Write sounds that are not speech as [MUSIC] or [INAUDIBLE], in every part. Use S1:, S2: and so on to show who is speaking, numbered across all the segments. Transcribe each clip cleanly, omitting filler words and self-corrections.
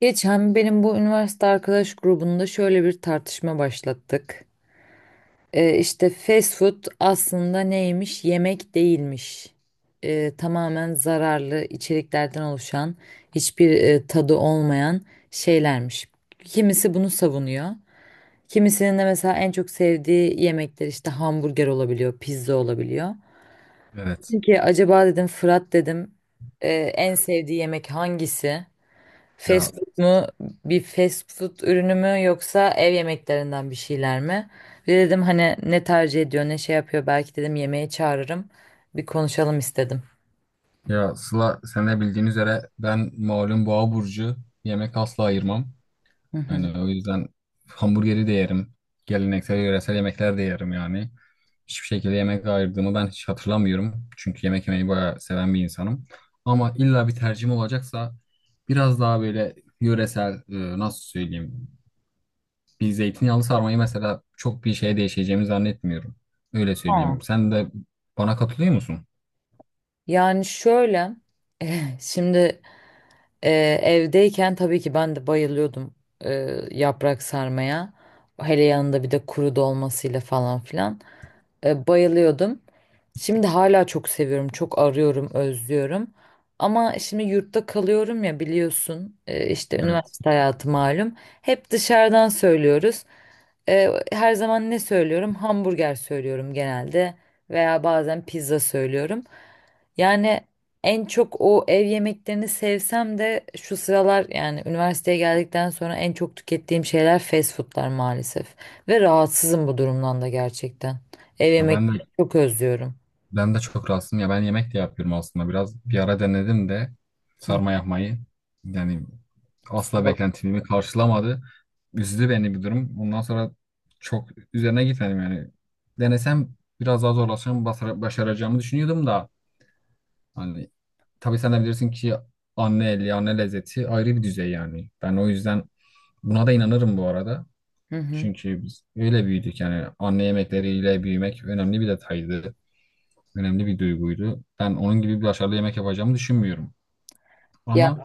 S1: Geçen benim bu üniversite arkadaş grubunda şöyle bir tartışma başlattık. İşte fast food aslında neymiş? Yemek değilmiş. Tamamen zararlı içeriklerden oluşan hiçbir tadı olmayan şeylermiş. Kimisi bunu savunuyor. Kimisinin de mesela en çok sevdiği yemekler işte hamburger olabiliyor, pizza olabiliyor.
S2: Evet.
S1: Peki acaba dedim Fırat dedim en sevdiği yemek hangisi?
S2: Ya
S1: Fast food mu? Bir fast food ürünü mü yoksa ev yemeklerinden bir şeyler mi? Bir de dedim hani ne tercih ediyor, ne şey yapıyor, belki dedim yemeğe çağırırım. Bir konuşalım istedim.
S2: ya Sıla sen de bildiğin üzere ben malum boğa burcu yemek asla ayırmam.
S1: Hı hı.
S2: Yani o yüzden hamburgeri de yerim. Geleneksel yöresel yemekler de yerim yani. Hiçbir şekilde yemek ayırdığımı ben hiç hatırlamıyorum. Çünkü yemek yemeyi bayağı seven bir insanım. Ama illa bir tercihim olacaksa biraz daha böyle yöresel nasıl söyleyeyim. Bir zeytinyağlı sarmayı mesela çok bir şeye değişeceğimi zannetmiyorum. Öyle söyleyeyim.
S1: Aa.
S2: Sen de bana katılıyor musun?
S1: Yani şöyle, [LAUGHS] şimdi e, evdeyken tabii ki ben de bayılıyordum e, yaprak sarmaya. Hele yanında bir de kuru dolmasıyla falan filan. Bayılıyordum. Şimdi hala çok seviyorum, çok arıyorum, özlüyorum. Ama şimdi yurtta kalıyorum ya biliyorsun, işte
S2: Evet.
S1: üniversite hayatı malum. Hep dışarıdan söylüyoruz. Her zaman ne söylüyorum? Hamburger söylüyorum genelde veya bazen pizza söylüyorum. Yani en çok o ev yemeklerini sevsem de şu sıralar, yani üniversiteye geldikten sonra en çok tükettiğim şeyler fast foodlar maalesef. Ve rahatsızım bu durumdan da gerçekten. Ev
S2: Ya ben de
S1: yemekleri çok özlüyorum.
S2: Ben de çok rahatsızım ya ben yemek de yapıyorum aslında biraz bir ara denedim de
S1: Hı
S2: sarma yapmayı yani asla
S1: hı.
S2: beklentimi karşılamadı. Üzdü beni bir durum. Ondan sonra çok üzerine gitmedim yani. Denesem biraz daha zorlaşacağım başaracağımı düşünüyordum da hani tabii sen de bilirsin ki anne eli anne lezzeti ayrı bir düzey yani. Ben o yüzden buna da inanırım bu arada.
S1: Hı.
S2: Çünkü biz öyle büyüdük yani anne yemekleriyle büyümek önemli bir detaydı önemli bir duyguydu. Ben onun gibi bir başarılı yemek yapacağımı düşünmüyorum.
S1: Ya,
S2: Ama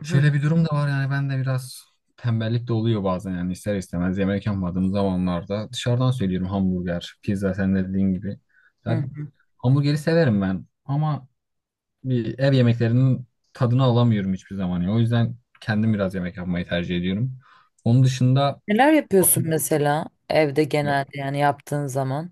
S1: hı hı.
S2: şöyle bir durum da var yani ben de biraz tembellik de oluyor bazen yani ister istemez yemek yapmadığım zamanlarda dışarıdan söylüyorum hamburger, pizza sen de dediğin gibi. Ya,
S1: Hı.
S2: hamburgeri severim ben ama bir ev yemeklerinin tadını alamıyorum hiçbir zaman ya. O yüzden kendim biraz yemek yapmayı tercih ediyorum. Onun dışında
S1: Neler yapıyorsun mesela evde
S2: ya,
S1: genelde, yani yaptığın zaman?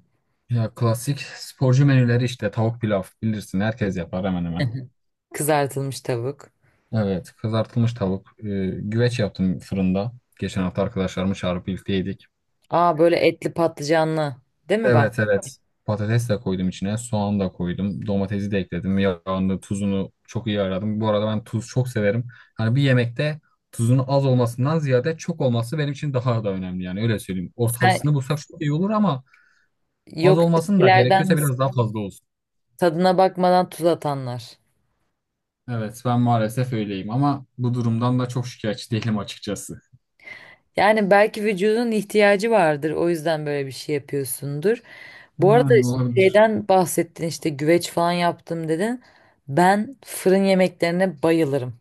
S2: ya klasik sporcu menüleri işte tavuk pilav bilirsin herkes yapar hemen hemen.
S1: [LAUGHS] Kızartılmış tavuk.
S2: Evet, kızartılmış tavuk. Güveç yaptım fırında. Geçen hafta arkadaşlarımı çağırıp birlikte yedik.
S1: Aa, böyle etli patlıcanlı. Değil mi, bak?
S2: Evet, evet. Patates de koydum içine, soğan da koydum, domatesi de ekledim. Yağını, tuzunu çok iyi ayarladım. Bu arada ben tuz çok severim. Hani bir yemekte tuzun az olmasından ziyade çok olması benim için daha da önemli yani öyle söyleyeyim.
S1: Sen,
S2: Ortalısını bulsak çok iyi olur ama az
S1: yok,
S2: olmasın da
S1: ilerden
S2: gerekiyorsa biraz
S1: misin?
S2: daha fazla olsun.
S1: Tadına bakmadan tuz atanlar.
S2: Evet, ben maalesef öyleyim ama bu durumdan da çok şikayetçi değilim açıkçası.
S1: Yani belki vücudun ihtiyacı vardır. O yüzden böyle bir şey yapıyorsundur. Bu arada
S2: Yani olabilir.
S1: şeyden bahsettin, işte güveç falan yaptım dedin. Ben fırın yemeklerine bayılırım.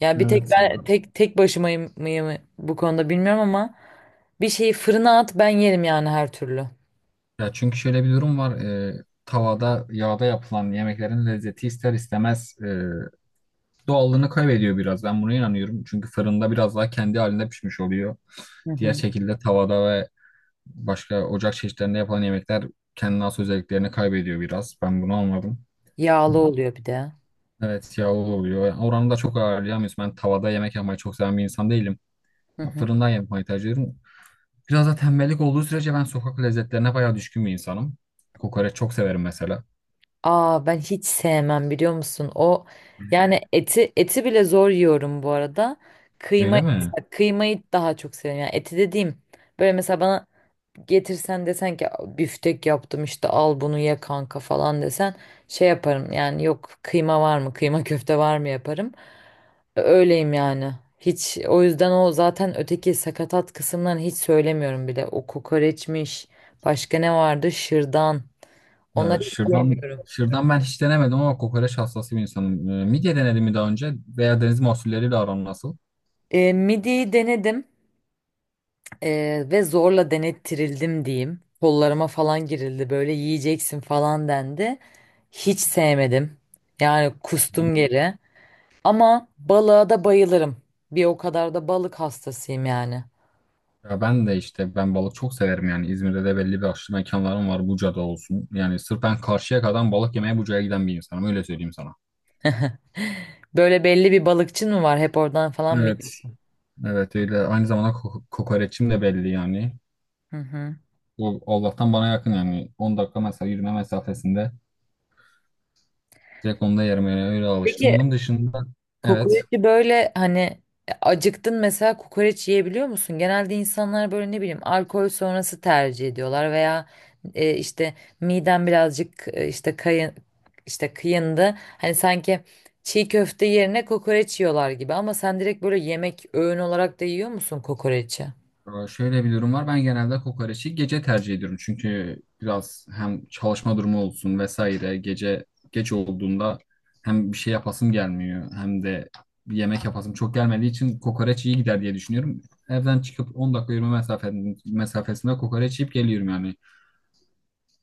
S1: Yani bir tek
S2: Evet.
S1: ben tek başımayım mıyım bu konuda bilmiyorum, ama bir şeyi fırına at ben yerim yani, her türlü.
S2: Ya çünkü şöyle bir durum var. Tavada, yağda yapılan yemeklerin lezzeti ister istemez doğallığını kaybediyor biraz. Ben buna inanıyorum. Çünkü fırında biraz daha kendi halinde pişmiş oluyor.
S1: Hı
S2: Diğer
S1: hı.
S2: şekilde tavada ve başka ocak çeşitlerinde yapılan yemekler kendine has özelliklerini kaybediyor biraz. Ben bunu anladım.
S1: Yağlı oluyor bir de.
S2: Evet yağlı oluyor. Yani oranı da çok ayarlayamıyoruz. Ben tavada yemek yapmayı çok seven bir insan değilim.
S1: Hı
S2: Ya
S1: hı.
S2: fırından yapmayı tercih ediyorum. Biraz da tembellik olduğu sürece ben sokak lezzetlerine bayağı düşkün bir insanım. Kokoreç çok severim mesela.
S1: Aa, ben hiç sevmem biliyor musun? O, yani eti bile zor yiyorum bu arada. Kıyma
S2: Öyle mi?
S1: kıymayı daha çok seviyorum. Yani eti dediğim, böyle mesela bana getirsen, desen ki büftek yaptım işte al bunu ye kanka falan desen, şey yaparım yani, yok kıyma var mı, kıyma köfte var mı yaparım. Öyleyim yani. Hiç o yüzden o zaten öteki sakatat kısımlarını hiç söylemiyorum bile. O kokoreçmiş. Başka ne vardı? Şırdan. Ona
S2: Ya
S1: hiç
S2: şırdan,
S1: yemiyorum.
S2: şırdan ben hiç denemedim ama kokoreç hastası bir insanım. Midye denedim mi daha önce veya deniz mahsulleriyle aran nasıl?
S1: Midiyi denedim, ve zorla denettirildim diyeyim. Kollarıma falan girildi, böyle yiyeceksin falan dendi. Hiç sevmedim. Yani kustum geri. Ama balığa da bayılırım. Bir o kadar da balık hastasıyım yani. [GASPS]
S2: Ya ben de işte ben balık çok severim yani İzmir'de de belli başlı mekanlarım var Buca'da olsun. Yani sırf ben karşıya kadar balık yemeye Buca'ya giden bir insanım öyle söyleyeyim sana.
S1: [LAUGHS] Böyle belli bir balıkçın mı var? Hep oradan falan mı
S2: Evet.
S1: yiyor?
S2: Evet öyle aynı zamanda kokoreçim de belli yani.
S1: Hı hı.
S2: O Allah'tan bana yakın yani 10 dakika mesela yürüme mesafesinde direkt onu da yerim yani öyle alıştım.
S1: Peki
S2: Onun dışında evet.
S1: kokoreçi böyle, hani acıktın mesela kokoreç yiyebiliyor musun? Genelde insanlar böyle, ne bileyim, alkol sonrası tercih ediyorlar veya işte midem birazcık işte kayın, işte kıyındı. Hani sanki çiğ köfte yerine kokoreç yiyorlar gibi, ama sen direkt böyle yemek, öğün olarak da yiyor musun kokoreçi?
S2: Şöyle bir durum var. Ben genelde kokoreçi gece tercih ediyorum. Çünkü biraz hem çalışma durumu olsun vesaire gece geç olduğunda hem bir şey yapasım gelmiyor hem de bir yemek yapasım çok gelmediği için kokoreç iyi gider diye düşünüyorum. Evden çıkıp 10 dakika mesafesinde kokoreç yiyip geliyorum yani.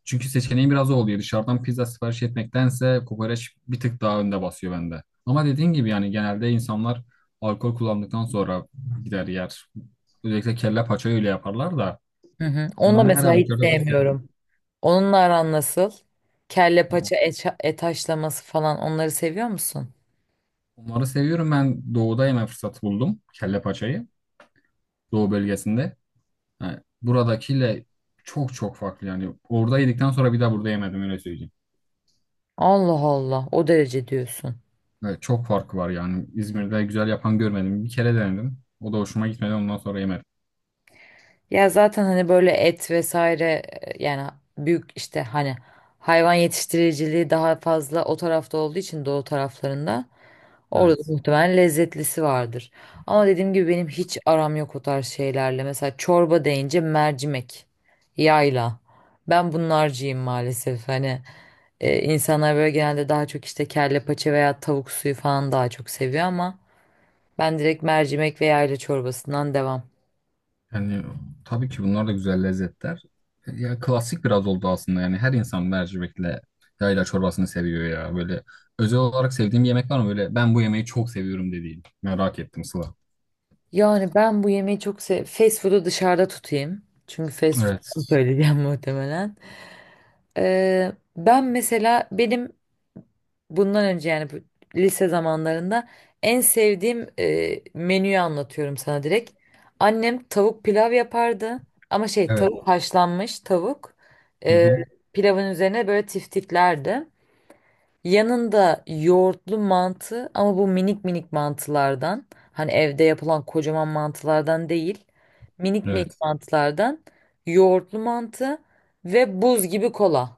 S2: Çünkü seçeneğim biraz o oluyor. Dışarıdan pizza sipariş etmektense kokoreç bir tık daha önde basıyor bende. Ama dediğin gibi yani genelde insanlar alkol kullandıktan sonra gider yer. Özellikle kelle paça öyle yaparlar da.
S1: Hı hı.
S2: Ya
S1: Onu da
S2: ben her
S1: mesela hiç
S2: halükarda tüketirim.
S1: sevmiyorum. Onunla aran nasıl? Kelle
S2: Ya
S1: paça, et haşlaması falan onları seviyor musun?
S2: onları seviyorum. Ben doğuda yeme fırsatı buldum. Kelle paçayı. Doğu bölgesinde. Yani buradakiyle çok çok farklı yani. Orada yedikten sonra bir daha burada yemedim öyle söyleyeyim.
S1: Allah Allah, o derece diyorsun.
S2: Evet, çok farkı var yani. İzmir'de güzel yapan görmedim. Bir kere denedim. O da hoşuma gitmedi. Ondan sonra yemedim.
S1: Ya zaten hani böyle et vesaire, yani büyük, işte hani hayvan yetiştiriciliği daha fazla o tarafta olduğu için doğu taraflarında, orada
S2: Evet.
S1: da muhtemelen lezzetlisi vardır. Ama dediğim gibi benim hiç aram yok o tarz şeylerle. Mesela çorba deyince mercimek, yayla. Ben bunlarcıyım maalesef. Hani insanlar böyle genelde daha çok işte kelle paça veya tavuk suyu falan daha çok seviyor, ama ben direkt mercimek ve yayla çorbasından devam.
S2: Yani tabii ki bunlar da güzel lezzetler. Ya klasik biraz oldu aslında yani her insan mercimekle yayla çorbasını seviyor ya. Böyle özel olarak sevdiğim bir yemek var mı? Böyle ben bu yemeği çok seviyorum dediğin. Merak ettim Sıla.
S1: Yani ben bu yemeği çok sev fast food'u dışarıda tutayım. Çünkü fast food'u
S2: Evet.
S1: söyleyeceğim [LAUGHS] muhtemelen. Ben mesela, benim bundan önce, yani bu lise zamanlarında en sevdiğim menüyü anlatıyorum sana direkt. Annem tavuk pilav yapardı, ama şey,
S2: Evet.
S1: tavuk, haşlanmış tavuk.
S2: Hı
S1: Ee,
S2: hı.
S1: pilavın üzerine böyle tiftiklerdi. Yanında yoğurtlu mantı, ama bu minik minik mantılardan. Hani evde yapılan kocaman mantılardan değil. Minik
S2: Evet.
S1: minik mantılardan yoğurtlu mantı ve buz gibi kola.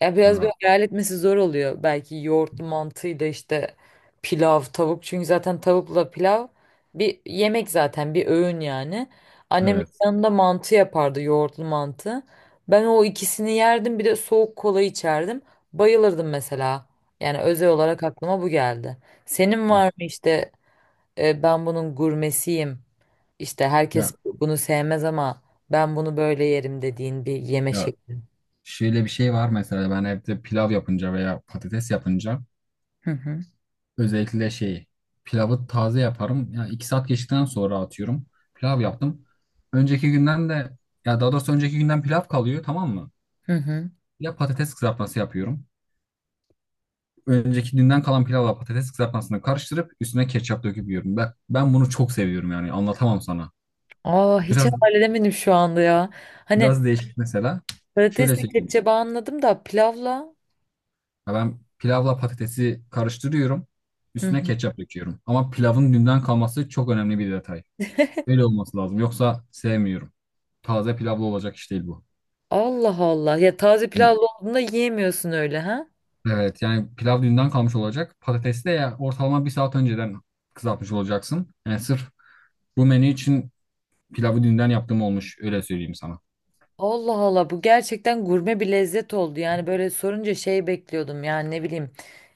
S1: Ya biraz böyle
S2: Ha,
S1: hayal etmesi zor oluyor. Belki yoğurtlu mantıyla işte pilav, tavuk. Çünkü zaten tavukla pilav bir yemek, zaten bir öğün yani. Annemin
S2: evet.
S1: yanında mantı yapardı, yoğurtlu mantı. Ben o ikisini yerdim, bir de soğuk kola içerdim. Bayılırdım mesela. Yani özel olarak aklıma bu geldi. Senin var mı işte, ben bunun gurmesiyim. İşte herkes
S2: Ya,
S1: bunu sevmez, ama ben bunu böyle yerim dediğin bir yeme
S2: ya
S1: şekli.
S2: şöyle bir şey var mesela ben evde pilav yapınca veya patates yapınca
S1: Hı hı.
S2: özellikle şeyi pilavı taze yaparım. Ya iki saat geçtikten sonra atıyorum. Pilav yaptım. Önceki günden de ya daha doğrusu önceki günden pilav kalıyor tamam mı?
S1: Hı hı.
S2: Ya patates kızartması yapıyorum. Önceki günden kalan pilavla patates kızartmasını karıştırıp üstüne ketçap döküp yiyorum. Ben bunu çok seviyorum yani anlatamam sana.
S1: Aa, hiç
S2: Biraz
S1: hayal edemedim şu anda ya. Hani
S2: biraz değişik mesela. Şöyle
S1: patatesli
S2: söyleyeyim.
S1: kepçe bağı anladım da, pilavla.
S2: Ya ben pilavla patatesi karıştırıyorum.
S1: Hı
S2: Üstüne
S1: hı.
S2: ketçap döküyorum. Ama pilavın dünden kalması çok önemli bir detay. Öyle olması lazım. Yoksa sevmiyorum. Taze pilavlı olacak iş değil bu.
S1: Allah Allah. Ya, taze pilavlı olduğunda yiyemiyorsun öyle ha?
S2: Evet yani pilav dünden kalmış olacak. Patatesi de ya ortalama bir saat önceden kızartmış olacaksın. Yani sırf bu menü için pilavı dünden yaptığım olmuş. Öyle söyleyeyim sana.
S1: Allah Allah, bu gerçekten gurme bir lezzet oldu. Yani böyle sorunca şey bekliyordum, yani ne bileyim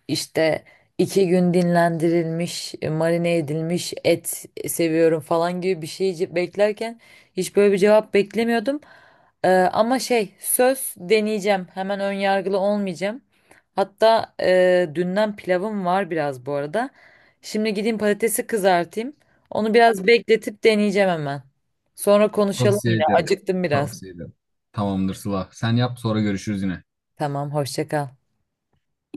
S1: işte 2 gün dinlendirilmiş, marine edilmiş et seviyorum falan gibi bir şey beklerken, hiç böyle bir cevap beklemiyordum. Ama şey, söz deneyeceğim hemen, ön yargılı olmayacağım. Hatta dünden pilavım var biraz bu arada. Şimdi gideyim patatesi kızartayım. Onu biraz bekletip deneyeceğim hemen. Sonra konuşalım
S2: Tavsiye
S1: yine.
S2: ederim.
S1: Acıktım biraz.
S2: Tavsiye ederim. Tamamdır Sıla. Sen yap sonra görüşürüz yine.
S1: Tamam, hoşça kal.